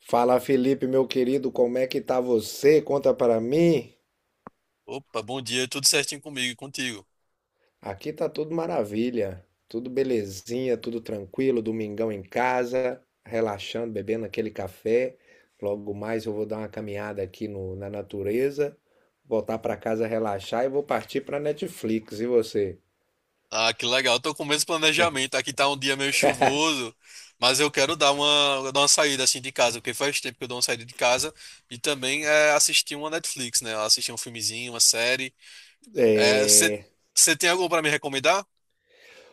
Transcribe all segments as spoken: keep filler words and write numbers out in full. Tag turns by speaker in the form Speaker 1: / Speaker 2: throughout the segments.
Speaker 1: Fala, Felipe, meu querido, como é que tá você? Conta para mim.
Speaker 2: Opa, bom dia, tudo certinho comigo e contigo.
Speaker 1: Aqui tá tudo maravilha, tudo belezinha, tudo tranquilo, domingão em casa, relaxando, bebendo aquele café. Logo mais eu vou dar uma caminhada aqui no- na natureza, voltar para casa relaxar e vou partir para Netflix. E você?
Speaker 2: Ah, que legal, tô com o mesmo planejamento. Aqui tá um dia meio chuvoso, mas eu quero dar uma, dar uma saída assim de casa, porque faz tempo que eu dou uma saída de casa e também é, assistir uma Netflix, né? Assistir um filmezinho, uma série.
Speaker 1: É...
Speaker 2: Você tem algo pra me recomendar?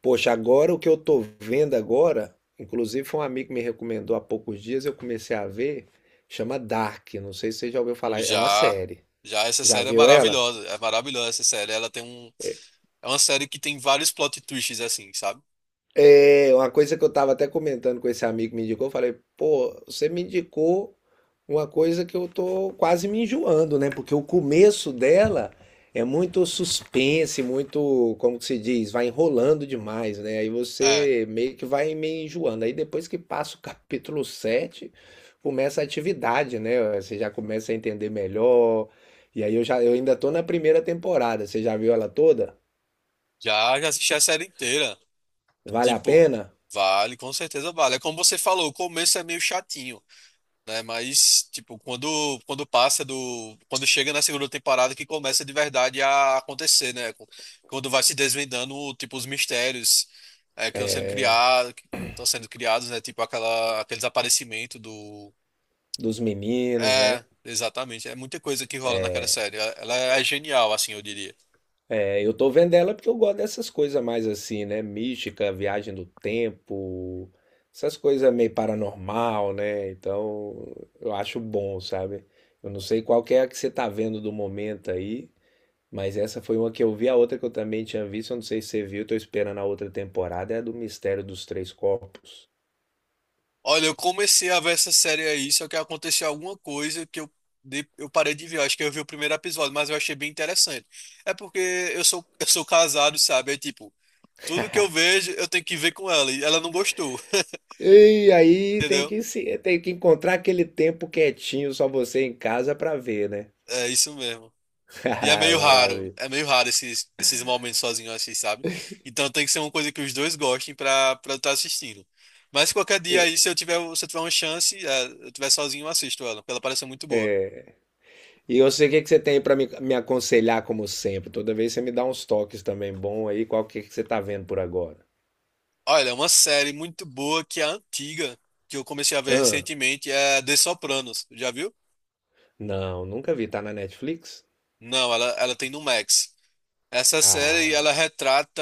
Speaker 1: Poxa, agora o que eu tô vendo agora, inclusive foi um amigo que me recomendou há poucos dias, eu comecei a ver, chama Dark, não sei se você já ouviu
Speaker 2: Hum,
Speaker 1: falar, é uma
Speaker 2: Já,
Speaker 1: série.
Speaker 2: já, essa
Speaker 1: Já
Speaker 2: série é
Speaker 1: viu ela?
Speaker 2: maravilhosa, é maravilhosa essa série. Ela tem um, é uma série que tem vários plot twists assim, sabe?
Speaker 1: É uma coisa que eu estava até comentando com esse amigo que me indicou. Eu falei, pô, você me indicou uma coisa que eu tô quase me enjoando, né? Porque o começo dela é muito suspense, muito, como que se diz, vai enrolando demais, né? Aí
Speaker 2: É,
Speaker 1: você meio que vai meio enjoando. Aí depois que passa o capítulo sete começa a atividade, né? Você já começa a entender melhor. E aí eu já, eu ainda tô na primeira temporada. Você já viu ela toda?
Speaker 2: já, já assisti a série inteira.
Speaker 1: Vale a
Speaker 2: Tipo,
Speaker 1: pena?
Speaker 2: vale, com certeza vale. É como você falou, o começo é meio chatinho, né? Mas, tipo, quando, quando passa do. Quando chega na segunda temporada que começa de verdade a acontecer, né? Com- Quando vai se desvendando, tipo, os mistérios é, que estão sendo criados, que estão sendo criados, né? Tipo, aquela, aquele desaparecimento do.
Speaker 1: Dos meninos, né?
Speaker 2: É, exatamente. É muita coisa que rola naquela série. Ela ela é genial, assim, eu diria.
Speaker 1: É, eu tô vendo ela porque eu gosto dessas coisas mais assim, né? Mística, viagem do tempo, essas coisas meio paranormal, né? Então eu acho bom, sabe? Eu não sei qual que é a que você tá vendo do momento aí, mas essa foi uma que eu vi, a outra que eu também tinha visto, eu não sei se você viu, tô esperando a outra temporada, é a do Mistério dos Três Corpos.
Speaker 2: Olha, eu comecei a ver essa série aí, só que aconteceu alguma coisa que eu, de- eu parei de ver. Eu acho que eu vi o primeiro episódio, mas eu achei bem interessante. É porque eu sou, eu sou casado, sabe? É tipo, tudo que eu vejo, eu tenho que ver com ela. E ela não gostou,
Speaker 1: E aí tem
Speaker 2: entendeu?
Speaker 1: que se, tem que encontrar aquele tempo quietinho, só você em casa pra ver, né?
Speaker 2: É isso mesmo. E é meio raro,
Speaker 1: Maravilha.
Speaker 2: é meio raro esses, esses momentos sozinho assim, sabe? Então tem que ser uma coisa que os dois gostem pra, pra eu estar assistindo. Mas qualquer dia aí, se eu tiver, se eu tiver uma chance, é, eu tiver sozinho, eu assisto ela, porque ela parece muito boa.
Speaker 1: É. E eu sei o que que você tem aí pra me, me aconselhar, como sempre. Toda vez você me dá uns toques também bom aí. Qual que, que você tá vendo por agora?
Speaker 2: Olha, uma série muito boa que é antiga, que eu comecei a ver
Speaker 1: Ah,
Speaker 2: recentemente, é The Sopranos. Já viu?
Speaker 1: não, nunca vi. Tá na Netflix?
Speaker 2: Não, ela, ela tem no Max. Essa série,
Speaker 1: Ah,
Speaker 2: ela retrata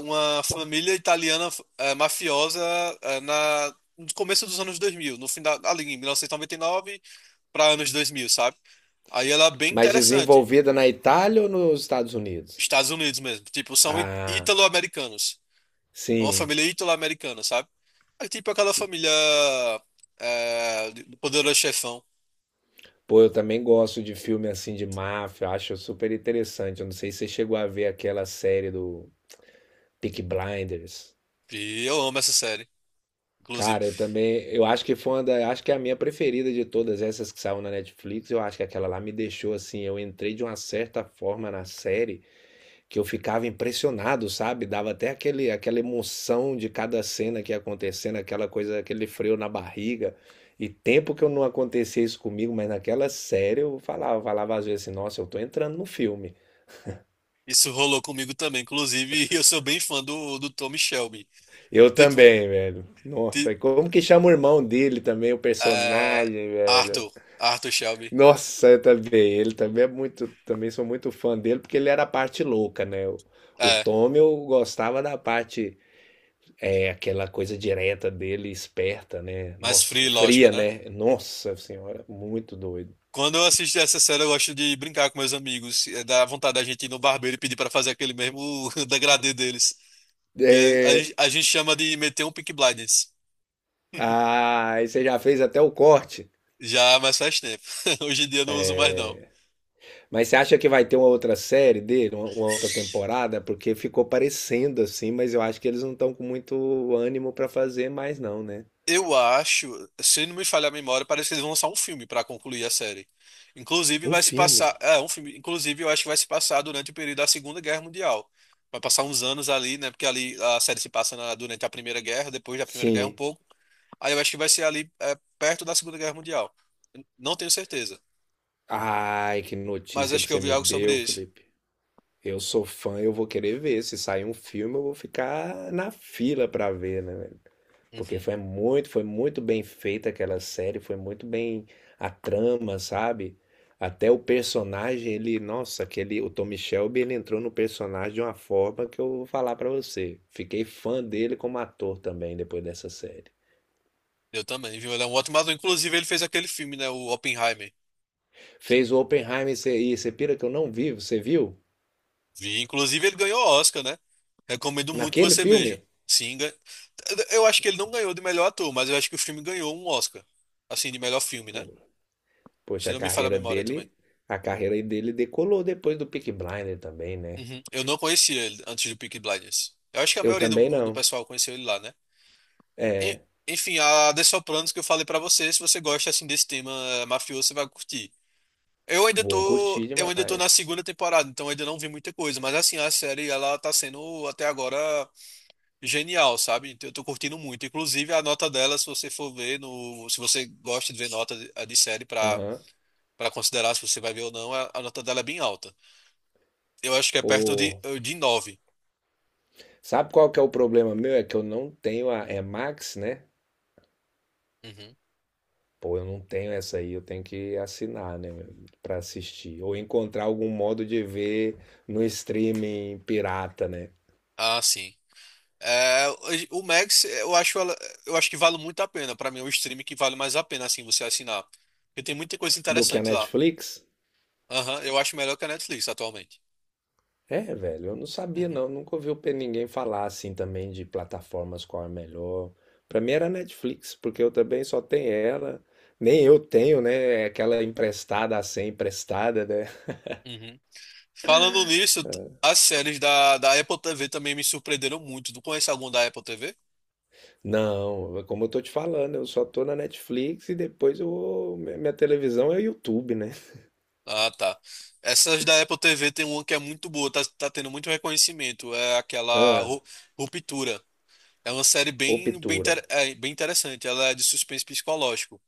Speaker 2: uma família italiana eh, mafiosa eh, na, no começo dos anos dois mil, no final, ali em mil novecentos e noventa e nove para anos dois mil, sabe? Aí ela é bem
Speaker 1: mas
Speaker 2: interessante.
Speaker 1: desenvolvida na Itália ou nos Estados Unidos?
Speaker 2: Estados Unidos mesmo. Tipo, são í-
Speaker 1: Ah,
Speaker 2: ítalo-americanos. É uma
Speaker 1: sim.
Speaker 2: família ítalo-americana, sabe? É tipo aquela família eh, do Poderoso Chefão.
Speaker 1: Pô, eu também gosto de filme assim de máfia. Acho super interessante. Eu não sei se você chegou a ver aquela série do Peaky Blinders.
Speaker 2: E eu amo essa série, inclusive.
Speaker 1: Cara, eu também, eu acho que foi uma da, acho que é a minha preferida de todas essas que saiu na Netflix. Eu acho que aquela lá me deixou assim, eu entrei de uma certa forma na série que eu ficava impressionado, sabe? Dava até aquele, aquela emoção de cada cena que ia acontecendo, aquela coisa, aquele freio na barriga. E tempo que eu não acontecia isso comigo, mas naquela série eu falava, falava às vezes assim, nossa, eu tô entrando no filme.
Speaker 2: Isso rolou comigo também, inclusive. Eu sou bem fã do, do Tommy Shelby.
Speaker 1: Eu
Speaker 2: Tipo,
Speaker 1: também, velho. Nossa,
Speaker 2: ti-
Speaker 1: e como que chama o irmão dele também, o
Speaker 2: é,
Speaker 1: personagem, velho?
Speaker 2: Arthur. Arthur Shelby.
Speaker 1: Nossa, eu também. Ele também é muito, também sou muito fã dele porque ele era a parte louca, né? O, o
Speaker 2: É,
Speaker 1: Tom eu gostava da parte é aquela coisa direta dele, esperta, né?
Speaker 2: mais
Speaker 1: Nossa,
Speaker 2: free, lógica,
Speaker 1: fria,
Speaker 2: né?
Speaker 1: né? Nossa senhora, muito doido.
Speaker 2: Quando eu assisto essa série, eu gosto de brincar com meus amigos. É, dá vontade da gente ir no barbeiro e pedir pra fazer aquele mesmo degradê deles. Que é- a,
Speaker 1: É,
Speaker 2: gente- a gente chama de meter um Peaky Blinders.
Speaker 1: ah, aí você já fez até o corte.
Speaker 2: Já, mas faz tempo. Hoje em dia eu não uso
Speaker 1: É,
Speaker 2: mais, não.
Speaker 1: mas você acha que vai ter uma outra série dele, uma, uma outra temporada? Porque ficou parecendo assim, mas eu acho que eles não estão com muito ânimo pra fazer mais, não, né?
Speaker 2: Eu acho, se não me falha a memória, parece que eles vão lançar um filme pra concluir a série. Inclusive
Speaker 1: Um
Speaker 2: vai se passar,
Speaker 1: filme.
Speaker 2: é um filme, inclusive eu acho que vai se passar durante o período da Segunda Guerra Mundial. Vai passar uns anos ali, né? Porque ali a série se passa na- durante a Primeira Guerra, depois da Primeira Guerra um
Speaker 1: Sim.
Speaker 2: pouco. Aí eu acho que vai ser ali é, perto da Segunda Guerra Mundial. Não tenho certeza,
Speaker 1: Ai, que
Speaker 2: mas
Speaker 1: notícia
Speaker 2: acho
Speaker 1: que
Speaker 2: que eu
Speaker 1: você
Speaker 2: vi
Speaker 1: me
Speaker 2: algo sobre
Speaker 1: deu,
Speaker 2: isso.
Speaker 1: Felipe. Eu sou fã, eu vou querer ver. Se sair um filme, eu vou ficar na fila pra ver, né, velho? Porque
Speaker 2: Uhum.
Speaker 1: foi muito, foi muito bem feita aquela série, foi muito bem a trama, sabe? Até o personagem, ele, nossa, aquele, o Tommy Shelby, ele entrou no personagem de uma forma que eu vou falar pra você. Fiquei fã dele como ator também depois dessa série.
Speaker 2: Eu também, viu? Ele é um ótimo ator. Inclusive ele fez aquele filme, né? O Oppenheimer.
Speaker 1: Fez o Oppenheimer, e você e você pira que eu não vi, você viu?
Speaker 2: Vi. Inclusive ele ganhou o Oscar, né? Recomendo muito que
Speaker 1: Naquele
Speaker 2: você veja.
Speaker 1: filme?
Speaker 2: Sim, eu acho que ele não ganhou de melhor ator, mas eu acho que o filme ganhou um Oscar. Assim, de melhor filme,
Speaker 1: Pô,
Speaker 2: né?
Speaker 1: Poxa,
Speaker 2: Se
Speaker 1: a
Speaker 2: não me falha a
Speaker 1: carreira
Speaker 2: memória
Speaker 1: dele,
Speaker 2: também.
Speaker 1: a carreira dele decolou depois do Peaky Blinder também, né?
Speaker 2: Uhum. Eu não conhecia ele antes do Peaky Blinders. Eu acho que a
Speaker 1: Eu
Speaker 2: maioria
Speaker 1: também
Speaker 2: do, do
Speaker 1: não.
Speaker 2: pessoal conheceu ele lá, né? E-
Speaker 1: É,
Speaker 2: enfim, a The Sopranos que eu falei pra você, se você gosta assim desse tema eh, mafioso, você vai curtir. Eu ainda
Speaker 1: vou
Speaker 2: tô,
Speaker 1: curtir
Speaker 2: eu ainda tô na
Speaker 1: demais.
Speaker 2: segunda temporada, então ainda não vi muita coisa, mas assim, a série ela tá sendo até agora genial, sabe? Então eu tô curtindo muito. Inclusive a nota dela, se você for ver no, se você gosta de ver nota de, eh, de série pra
Speaker 1: Aham.
Speaker 2: para considerar se você vai ver ou não, a, a nota dela é bem alta. Eu acho que é perto de,
Speaker 1: Pô,
Speaker 2: eh, de nove.
Speaker 1: sabe qual que é o problema meu? É que eu não tenho a é Max, né?
Speaker 2: Uhum.
Speaker 1: Pô, eu não tenho essa aí, eu tenho que assinar, né, pra assistir ou encontrar algum modo de ver no streaming pirata, né?
Speaker 2: Ah, sim. É, o Max, eu acho, ela- eu acho que vale muito a pena. Para mim, é o stream que vale mais a pena, assim, você assinar. Porque tem muita coisa
Speaker 1: Do que a
Speaker 2: interessante lá.
Speaker 1: Netflix.
Speaker 2: Aham, eu acho melhor que a Netflix atualmente.
Speaker 1: É, velho, eu não sabia
Speaker 2: Uhum,
Speaker 1: não, nunca ouvi o pe- ninguém falar assim também de plataformas qual é melhor. Pra mim era Netflix, porque eu também só tenho ela. Nem eu tenho, né? É aquela emprestada assim, emprestada, né?
Speaker 2: uhum. Falando nisso, t- as séries da, da Apple T V também me surpreenderam muito. Tu conhece algum da Apple T V?
Speaker 1: Não, como eu tô te falando, eu só tô na Netflix e depois eu vou- mi- minha televisão é o YouTube, né?
Speaker 2: Ah, tá. Essas da Apple T V tem uma que é muito boa, tá, tá tendo muito reconhecimento. É aquela
Speaker 1: Ah,
Speaker 2: Ru- Ruptura. É uma série
Speaker 1: ou
Speaker 2: bem, bem,
Speaker 1: Pitura.
Speaker 2: inter- é, bem interessante. Ela é de suspense psicológico.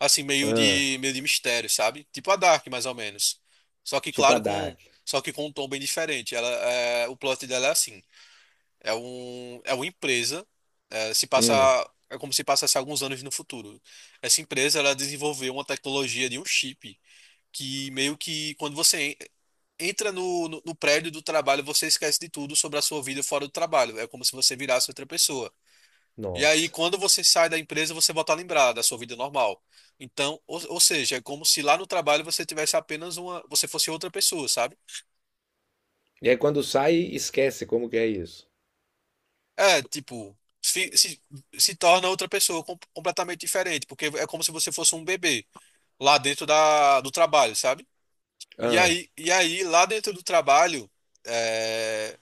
Speaker 2: Assim, meio
Speaker 1: Ah,
Speaker 2: de, meio de mistério, sabe? Tipo a Dark, mais ou menos. Só que,
Speaker 1: tipo a
Speaker 2: claro, com,
Speaker 1: Dark.
Speaker 2: só que com um tom bem diferente. Ela, é, o plot dela é assim. É um, é uma empresa. É, se passa,
Speaker 1: Hum,
Speaker 2: é como se passasse alguns anos no futuro. Essa empresa, ela desenvolveu uma tecnologia de um chip que meio que quando você entra no, no, no prédio do trabalho, você esquece de tudo sobre a sua vida fora do trabalho. É como se você virasse outra pessoa. E aí,
Speaker 1: nossa.
Speaker 2: quando você sai da empresa, você volta a lembrar da sua vida normal. Então, ou, ou seja, é como se lá no trabalho você tivesse apenas uma, você fosse outra pessoa, sabe?
Speaker 1: E aí quando sai, esquece como que é isso.
Speaker 2: É, tipo, fi- se, se torna outra pessoa com- completamente diferente, porque é como se você fosse um bebê lá dentro da, do trabalho, sabe? E
Speaker 1: Ah,
Speaker 2: aí, e aí, lá dentro do trabalho, é,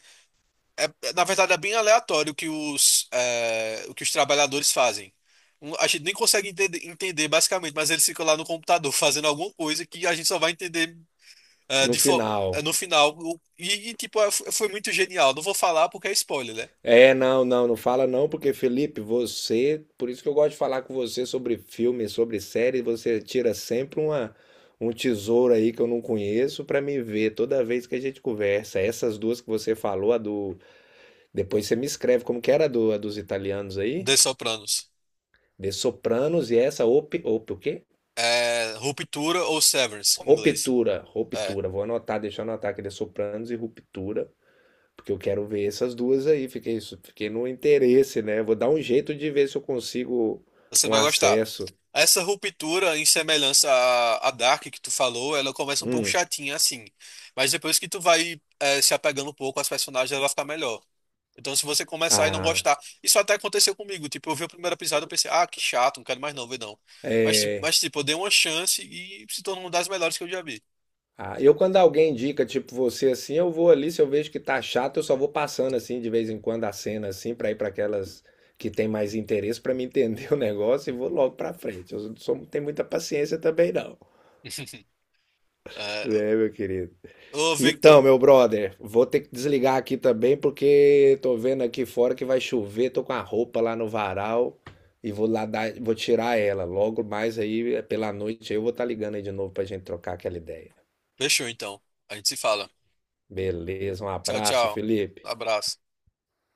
Speaker 2: É, é, na verdade, é bem aleatório o que os, é, o que os trabalhadores fazem. Um, A gente nem consegue entender, entender, basicamente, mas eles ficam lá no computador fazendo alguma coisa que a gente só vai entender é,
Speaker 1: no
Speaker 2: de fo- é,
Speaker 1: final.
Speaker 2: no final. O- E, e, tipo, é, f- foi muito genial. Não vou falar porque é spoiler, né?
Speaker 1: É, não, não, não fala não, porque, Felipe, você, por isso que eu gosto de falar com você sobre filme, sobre série, você tira sempre uma, um tesouro aí que eu não conheço pra me ver toda vez que a gente conversa. Essas duas que você falou, a do, depois você me escreve como que era a, do, a dos italianos aí,
Speaker 2: The Sopranos.
Speaker 1: de Sopranos e essa op, op, o quê?
Speaker 2: É, Ruptura ou Severance, em inglês.
Speaker 1: Ruptura,
Speaker 2: É,
Speaker 1: ruptura. Vou anotar, deixa eu anotar aqui, de Sopranos e Ruptura. Porque eu quero ver essas duas aí. Fiquei, su- fiquei no interesse, né? Vou dar um jeito de ver se eu consigo
Speaker 2: você
Speaker 1: um
Speaker 2: vai gostar.
Speaker 1: acesso.
Speaker 2: Essa ruptura, em semelhança à, à Dark que tu falou, ela começa um pouco
Speaker 1: Hum.
Speaker 2: chatinha assim. Mas depois que tu vai eh, se apegando um pouco às personagens, ela fica melhor. Então, se você começar e não
Speaker 1: Ah,
Speaker 2: gostar. Isso até aconteceu comigo. Tipo, eu vi o primeiro episódio e pensei, ah, que chato, não quero mais não ver não. Mas, ti- mas, tipo, eu dei uma chance e se tornou uma das melhores que eu já vi.
Speaker 1: ah, eu quando alguém indica, tipo você assim, eu vou ali, se eu vejo que tá chato, eu só vou passando assim de vez em quando a cena assim pra ir pra aquelas que tem mais interesse pra me entender o negócio e vou logo pra frente. Eu não sou, não tenho muita paciência também não.
Speaker 2: Eh,
Speaker 1: É, meu querido.
Speaker 2: ô, Victor,
Speaker 1: Então, meu brother, vou ter que desligar aqui também porque tô vendo aqui fora que vai chover, tô com a roupa lá no varal e vou lá dar, vou tirar ela. Logo mais aí é pela noite eu vou estar ligando aí de novo pra gente trocar aquela ideia.
Speaker 2: fechou então. A gente se fala.
Speaker 1: Beleza, um
Speaker 2: Tchau,
Speaker 1: abraço,
Speaker 2: tchau.
Speaker 1: Felipe.
Speaker 2: Abraço.